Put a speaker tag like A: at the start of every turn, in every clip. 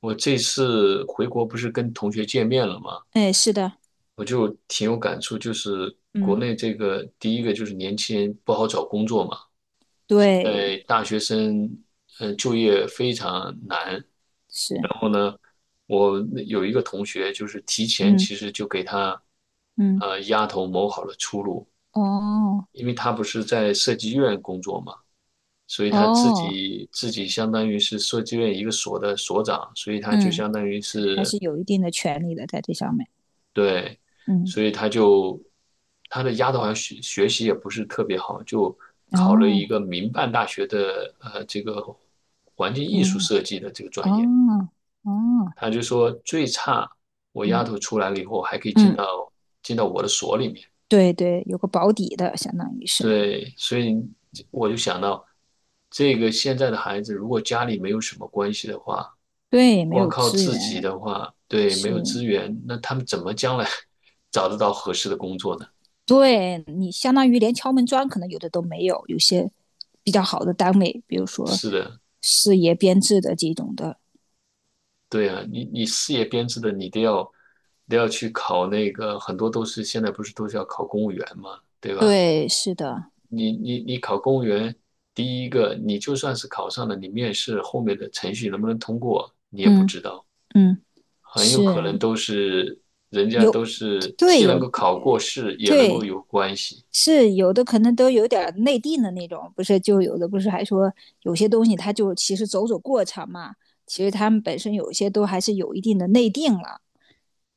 A: 我这次回国不是跟同学见面了吗？
B: 哎，是的。
A: 我就挺有感触，就是国
B: 嗯。
A: 内这个第一个就是年轻人不好找工作嘛，
B: 对。
A: 大学生就业非常难。
B: 是。
A: 然后呢，我有一个同学就是提前
B: 嗯
A: 其实就给他
B: 嗯。
A: 丫头谋好了出路，
B: 哦。
A: 因为他不是在设计院工作嘛，所以他自
B: 哦。
A: 己自己相当于是设计院一个所的所长，所以他就
B: 嗯，
A: 相当于
B: 还
A: 是。
B: 是有一定的权利的在这上面。
A: 对，所以
B: 嗯。
A: 他就他的丫头好像学习也不是特别好，就考了
B: 哦。
A: 一个民办大学的这个环境艺术
B: 嗯。
A: 设计的这个专业。
B: 哦。哦。
A: 他就说最差我丫
B: 嗯
A: 头出来了以后还可以
B: 嗯。
A: 进到我的所里面。
B: 对对，有个保底的，相当于是。
A: 对，所以我就想到这个现在的孩子，如果家里没有什么关系的话，
B: 对，没
A: 光
B: 有
A: 靠
B: 资
A: 自己
B: 源。
A: 的话，对，没
B: 是。
A: 有资源，那他们怎么将来 找得到合适的工作呢？
B: 对，你相当于连敲门砖可能有的都没有，有些比较好的单位，比如说
A: 是的，
B: 事业编制的这种的。
A: 对啊，你事业编制的，你都要都要去考那个，很多都是现在不是都是要考公务员嘛，对吧？
B: 对，是的。
A: 你考公务员，第一个你就算是考上了，你面试后面的程序能不能通过，你也不
B: 嗯
A: 知道，
B: 嗯。
A: 很有可能
B: 是
A: 都是人家都
B: 有。
A: 是
B: 对，
A: 既能
B: 有。
A: 够考过试，也能够
B: 对，
A: 有关系。
B: 是有的，可能都有点内定的那种，不是就有的不是还说有些东西它就其实走走过场嘛，其实他们本身有些都还是有一定的内定了。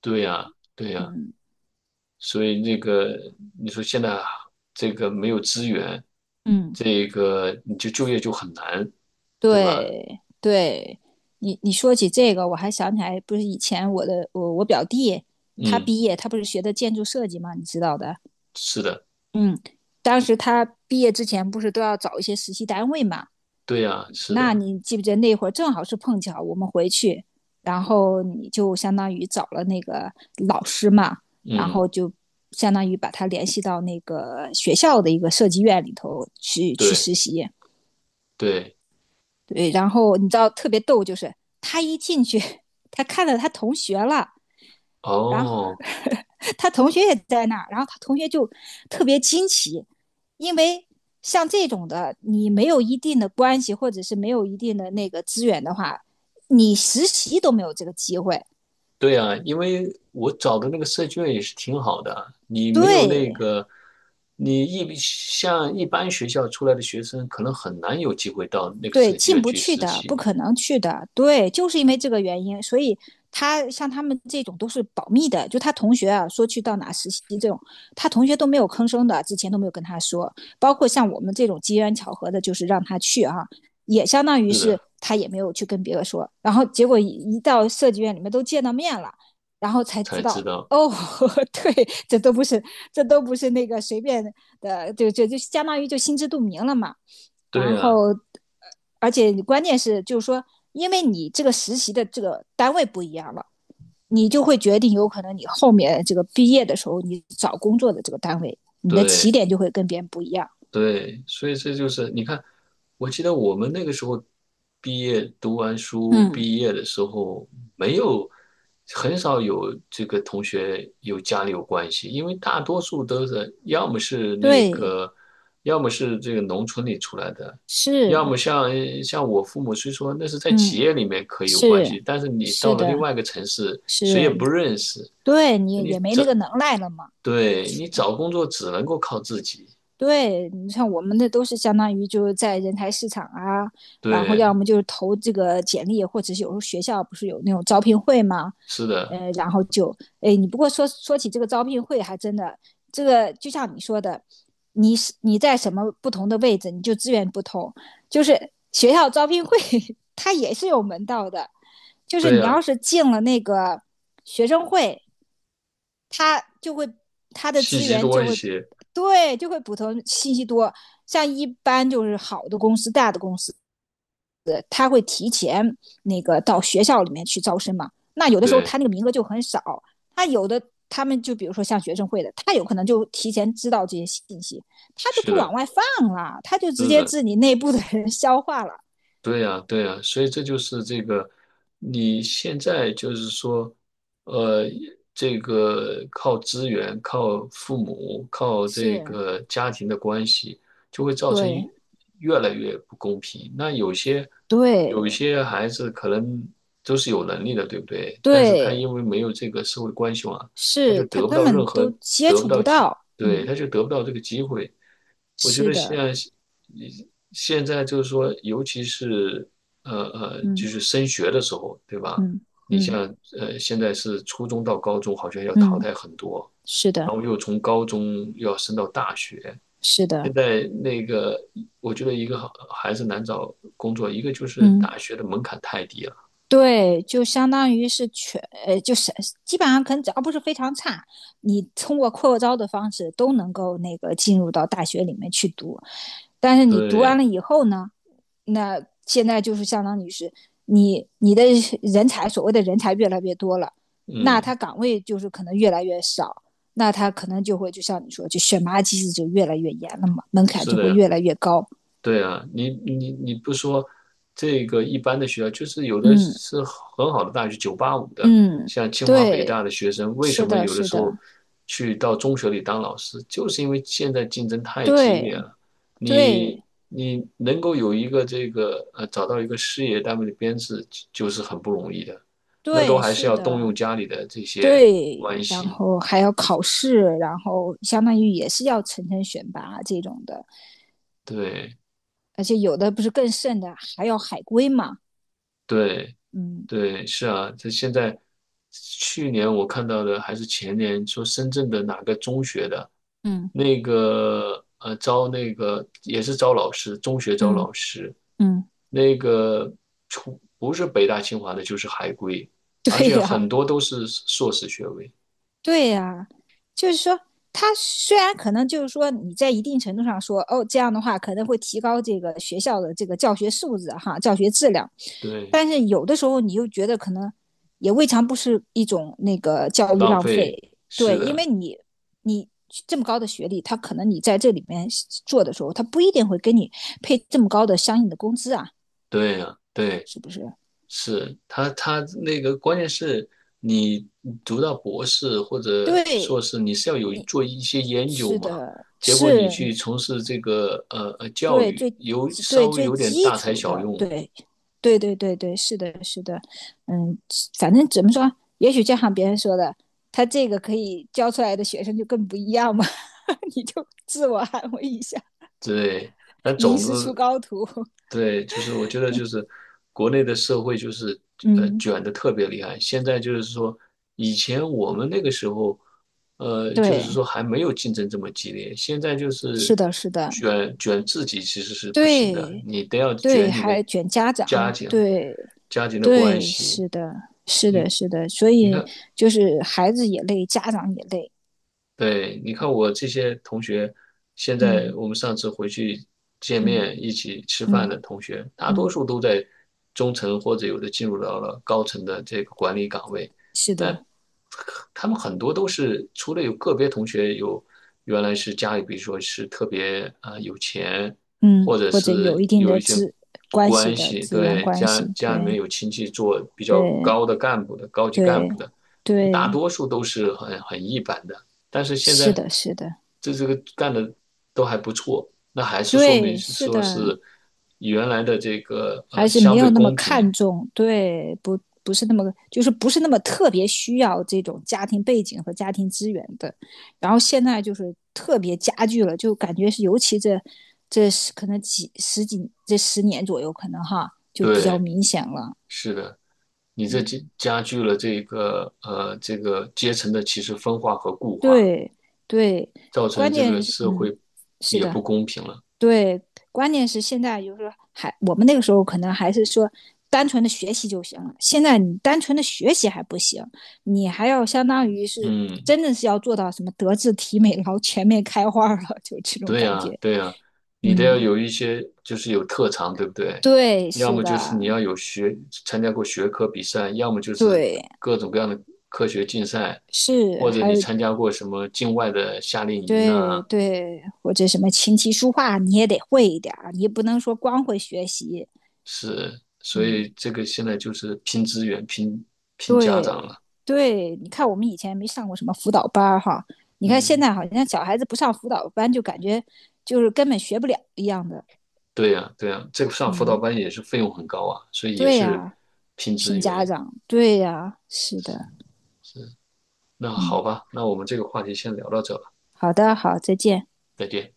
A: 对呀，对呀，
B: 嗯
A: 所以那个你说现在这个没有资源，
B: 嗯。
A: 你就就业就很难，对吧？
B: 对对，你说起这个，我还想起来，不是以前我的我我表弟他
A: 嗯，
B: 毕业，他不是学的建筑设计嘛，你知道的。
A: 是的，
B: 嗯，当时他毕业之前不是都要找一些实习单位嘛，
A: 对呀，是
B: 那
A: 的，
B: 你记不记得那会儿正好是碰巧我们回去，然后你就相当于找了那个老师嘛，然
A: 嗯，
B: 后就相当于把他联系到那个学校的一个设计院里头去
A: 对
B: 实习。
A: 对，
B: 对，然后你知道特别逗，就是他一进去，他看到他同学了，然后
A: 哦，
B: 他同学也在那儿，然后他同学就特别惊奇，因为像这种的，你没有一定的关系或者是没有一定的那个资源的话，你实习都没有这个机会。
A: 对呀，因为我找的那个设计院也是挺好的啊，你没有那
B: 对，
A: 个，你一像一般学校出来的学生，可能很难有机会到那个
B: 对，
A: 设计
B: 进
A: 院
B: 不
A: 去
B: 去
A: 实
B: 的，不
A: 习，
B: 可能去的，对，就是因为这个原因，所以他像他们这种都是保密的，就他同学啊，说去到哪实习这种，他同学都没有吭声的，之前都没有跟他说，包括像我们这种机缘巧合的，就是让他去啊，也相当于
A: 是
B: 是
A: 的，
B: 他也没有去跟别人说，然后结果一到设计院里面都见到面了，然后才知
A: 才知
B: 道。
A: 道，
B: 哦，对，这都不是，这都不是那个随便的，就相当于就心知肚明了嘛。然
A: 对呀，
B: 后而且关键是就是说，因为你这个实习的这个单位不一样了，你就会决定有可能你后面这个毕业的时候，你找工作的这个单位，你的起
A: 对。
B: 点就会跟别人不一样。
A: 对，所以这就是你看，我记得我们那个时候读完书
B: 嗯。
A: 毕业的时候，没有很少有这个同学有家里有关系，因为大多数都是要么是那
B: 对。
A: 个，要么是这个农村里出来的，
B: 是。
A: 要么像我父母，虽说那是在企
B: 嗯。
A: 业里面可以有关系，
B: 是。
A: 但是你到
B: 是
A: 了另
B: 的。
A: 外一个城市，谁也
B: 是。
A: 不认识，
B: 对你也没那个能耐了嘛。
A: 对，你找工作只能够靠自己，
B: 对你像我们的都是相当于就是在人才市场啊，然后要
A: 对，
B: 么就是投这个简历，或者是有时候学校不是有那种招聘会嘛。
A: 是的。
B: 然后就，哎，你不过说说起这个招聘会，还真的，这个就像你说的，你是你在什么不同的位置，你就资源不同。就是学校招聘会，它也是有门道的，就是
A: 对
B: 你要
A: 呀，
B: 是进了那个学生会，它就会它的
A: 信
B: 资
A: 息
B: 源
A: 多
B: 就
A: 一
B: 会，
A: 些。
B: 对，就会补充信息多。像一般就是好的公司、大的公司，那个到学校里面去招生嘛。那有的时候
A: 对，
B: 他那个名额就很少，他有的他们就比如说像学生会的，他有可能就提前知道这些信息，他就
A: 是
B: 不
A: 的，
B: 往外放了，他就直
A: 是
B: 接
A: 的，
B: 自己内部的人消化了。
A: 对呀，对呀，所以这就是这个，你现在就是说，呃，这个靠资源、靠父母、靠这
B: 是。
A: 个家庭的关系，就会造成
B: 对。
A: 越来越不公平。那有一
B: 对。
A: 些孩子可能都是有能力的，对不对？但是他
B: 对，
A: 因为没有这个社会关系网，他就
B: 是他
A: 得不
B: 根
A: 到任
B: 本
A: 何
B: 都接
A: 得不
B: 触
A: 到
B: 不
A: 机，
B: 到。
A: 对，
B: 嗯。
A: 他就得不到这个机会。我觉
B: 是
A: 得
B: 的。
A: 现在就是说，尤其是就
B: 嗯
A: 是升学的时候，对吧？
B: 嗯
A: 你
B: 嗯
A: 像现在是初中到高中，好像要淘
B: 嗯。
A: 汰很多，
B: 是
A: 然
B: 的。
A: 后又从高中又要升到大学。
B: 是的。
A: 现在那个，我觉得一个好还是难找工作，一个就是大
B: 嗯。
A: 学的门槛太低了。
B: 对，就相当于是全，就是基本上可能只要不是非常差，你通过扩招的方式都能够那个进入到大学里面去读。但是你读完了
A: 对，
B: 以后呢，那现在就是相当于是你你的人才，所谓的人才越来越多了，那
A: 嗯，
B: 他岗位就是可能越来越少，那他可能就会就像你说，就选拔机制就越来越严了嘛，门槛
A: 是
B: 就会
A: 的。
B: 越来越高。
A: 对啊，你不说这个一般的学校，就是有的
B: 嗯
A: 是很好的大学，985的，
B: 嗯。
A: 像清华北
B: 对，
A: 大的学生，为什
B: 是
A: 么
B: 的。
A: 有的
B: 是
A: 时候
B: 的。
A: 去到中学里当老师，就是因为现在竞争太激
B: 对
A: 烈了。你
B: 对。
A: 你能够有一个这个找到一个事业单位的编制，就是很不容易的，那都
B: 对，
A: 还是
B: 是
A: 要动用
B: 的。
A: 家里的这些
B: 对，
A: 关
B: 然
A: 系。
B: 后还要考试，然后相当于也是要层层选拔这种的，
A: 对
B: 而且有的不是更甚的，还要海归嘛。
A: 对，
B: 嗯
A: 对，是啊，这现在去年我看到的还是前年，说深圳的哪个中学的，
B: 嗯
A: 那个招那个也是招老师，中学招
B: 嗯
A: 老师，
B: 嗯。
A: 那个出不是北大清华的就是海归，而
B: 对
A: 且很
B: 呀，
A: 多都是硕士学位，
B: 对呀，就是说，他虽然可能就是说你在一定程度上说，哦，这样的话可能会提高这个学校的这个教学素质哈，教学质量，
A: 对，
B: 但是有的时候你又觉得可能也未尝不是一种那个教育
A: 浪
B: 浪
A: 费，
B: 费，
A: 是
B: 对，因为
A: 的，
B: 你你这么高的学历，他可能你在这里面做的时候，他不一定会给你配这么高的相应的工资啊，
A: 对呀，对。
B: 是不是？
A: 是他，他那个关键是你读到博士或者硕
B: 对，
A: 士，你是要有做一些研究
B: 是
A: 嘛？
B: 的，
A: 结果你
B: 是
A: 去
B: 你
A: 从事这个教
B: 对
A: 育，
B: 最
A: 有
B: 基
A: 稍
B: 对
A: 微
B: 最
A: 有点
B: 基
A: 大材
B: 础
A: 小
B: 的，
A: 用，
B: 对，对对对对，是的，是的。嗯，反正怎么说，也许就像别人说的，他这个可以教出来的学生就更不一样嘛。你就自我安慰一下，
A: 对，那
B: 名
A: 总的
B: 师出高徒。
A: 对，就是我觉得就是国内的社会就是
B: 嗯。
A: 卷的特别厉害。现在就是说，以前我们那个时候，就是
B: 对，
A: 说还没有竞争这么激烈。现在就是
B: 是的。是的。
A: 卷自己其实是不行的，
B: 对
A: 你都要
B: 对，
A: 卷你的
B: 还卷家
A: 家
B: 长，
A: 庭、
B: 对
A: 家庭的关
B: 对，
A: 系。
B: 是的，是的，
A: 你
B: 是的，所
A: 你
B: 以
A: 看，
B: 就是孩子也累，家长也累。
A: 对，你看我这些同学，现在
B: 嗯
A: 我们上次回去见
B: 嗯
A: 面一起吃饭
B: 嗯
A: 的同学，大多
B: 嗯，
A: 数都在中层或者有的进入到了高层的这个管理岗位。
B: 是
A: 那
B: 的。
A: 他们很多都是，除了有个别同学有原来是家里，比如说是特别啊、有钱，
B: 嗯，
A: 或者
B: 或者有
A: 是
B: 一定
A: 有一
B: 的
A: 些
B: 关系
A: 关
B: 的
A: 系，
B: 资源
A: 对，
B: 关系，
A: 家里面
B: 对
A: 有亲戚做比较
B: 对
A: 高的干部的高级干
B: 对
A: 部的，大
B: 对，
A: 多数都是很一般的。但是现
B: 是
A: 在
B: 的，是的，
A: 这个干的都还不错，那还是说明
B: 对，
A: 是
B: 是的，
A: 说是原来的这个
B: 还是没
A: 相对
B: 有那么
A: 公平，
B: 看重，对，不是那么，就是不是那么特别需要这种家庭背景和家庭资源的。然后现在就是特别加剧了，就感觉是尤其这这可能几十几这十年左右，可能哈就比较
A: 对，
B: 明显了。
A: 是的，你这加剧了这个这个阶层的其实分化和固化，
B: 对对，
A: 造成
B: 关
A: 这
B: 键
A: 个
B: 是
A: 社
B: 嗯，
A: 会
B: 是
A: 也不
B: 的，
A: 公平了，
B: 对，关键是现在就是说还我们那个时候可能还是说单纯的学习就行了，现在你单纯的学习还不行，你还要相当于是
A: 嗯。
B: 真的是要做到什么德智体美劳全面开花了，就这种
A: 对
B: 感
A: 呀，
B: 觉。
A: 对呀，你得要
B: 嗯。
A: 有一些，就是有特长，对不对？
B: 对。
A: 要
B: 是
A: 么就是你
B: 的。
A: 要有学，参加过学科比赛，要么就是
B: 对。
A: 各种各样的科学竞赛，
B: 是。
A: 或者
B: 还
A: 你
B: 有。
A: 参加过什么境外的夏令营呐，
B: 对对，或者什么琴棋书画你也得会一点儿，你也不能说光会学习。
A: 是，所
B: 嗯。
A: 以这个现在就是拼资源、拼家长
B: 对
A: 了。
B: 对，你看我们以前没上过什么辅导班儿哈，你看现
A: 嗯，
B: 在好像小孩子不上辅导班，就感觉就是根本学不了一样的。
A: 对呀，对呀，这个上辅导
B: 嗯。
A: 班也是费用很高啊，所以也
B: 对
A: 是
B: 呀，
A: 拼资
B: 拼家
A: 源。
B: 长，对呀，是的。
A: 是，那
B: 嗯，
A: 好吧，那我们这个话题先聊到这吧，
B: 好的，好，再见。
A: 再见。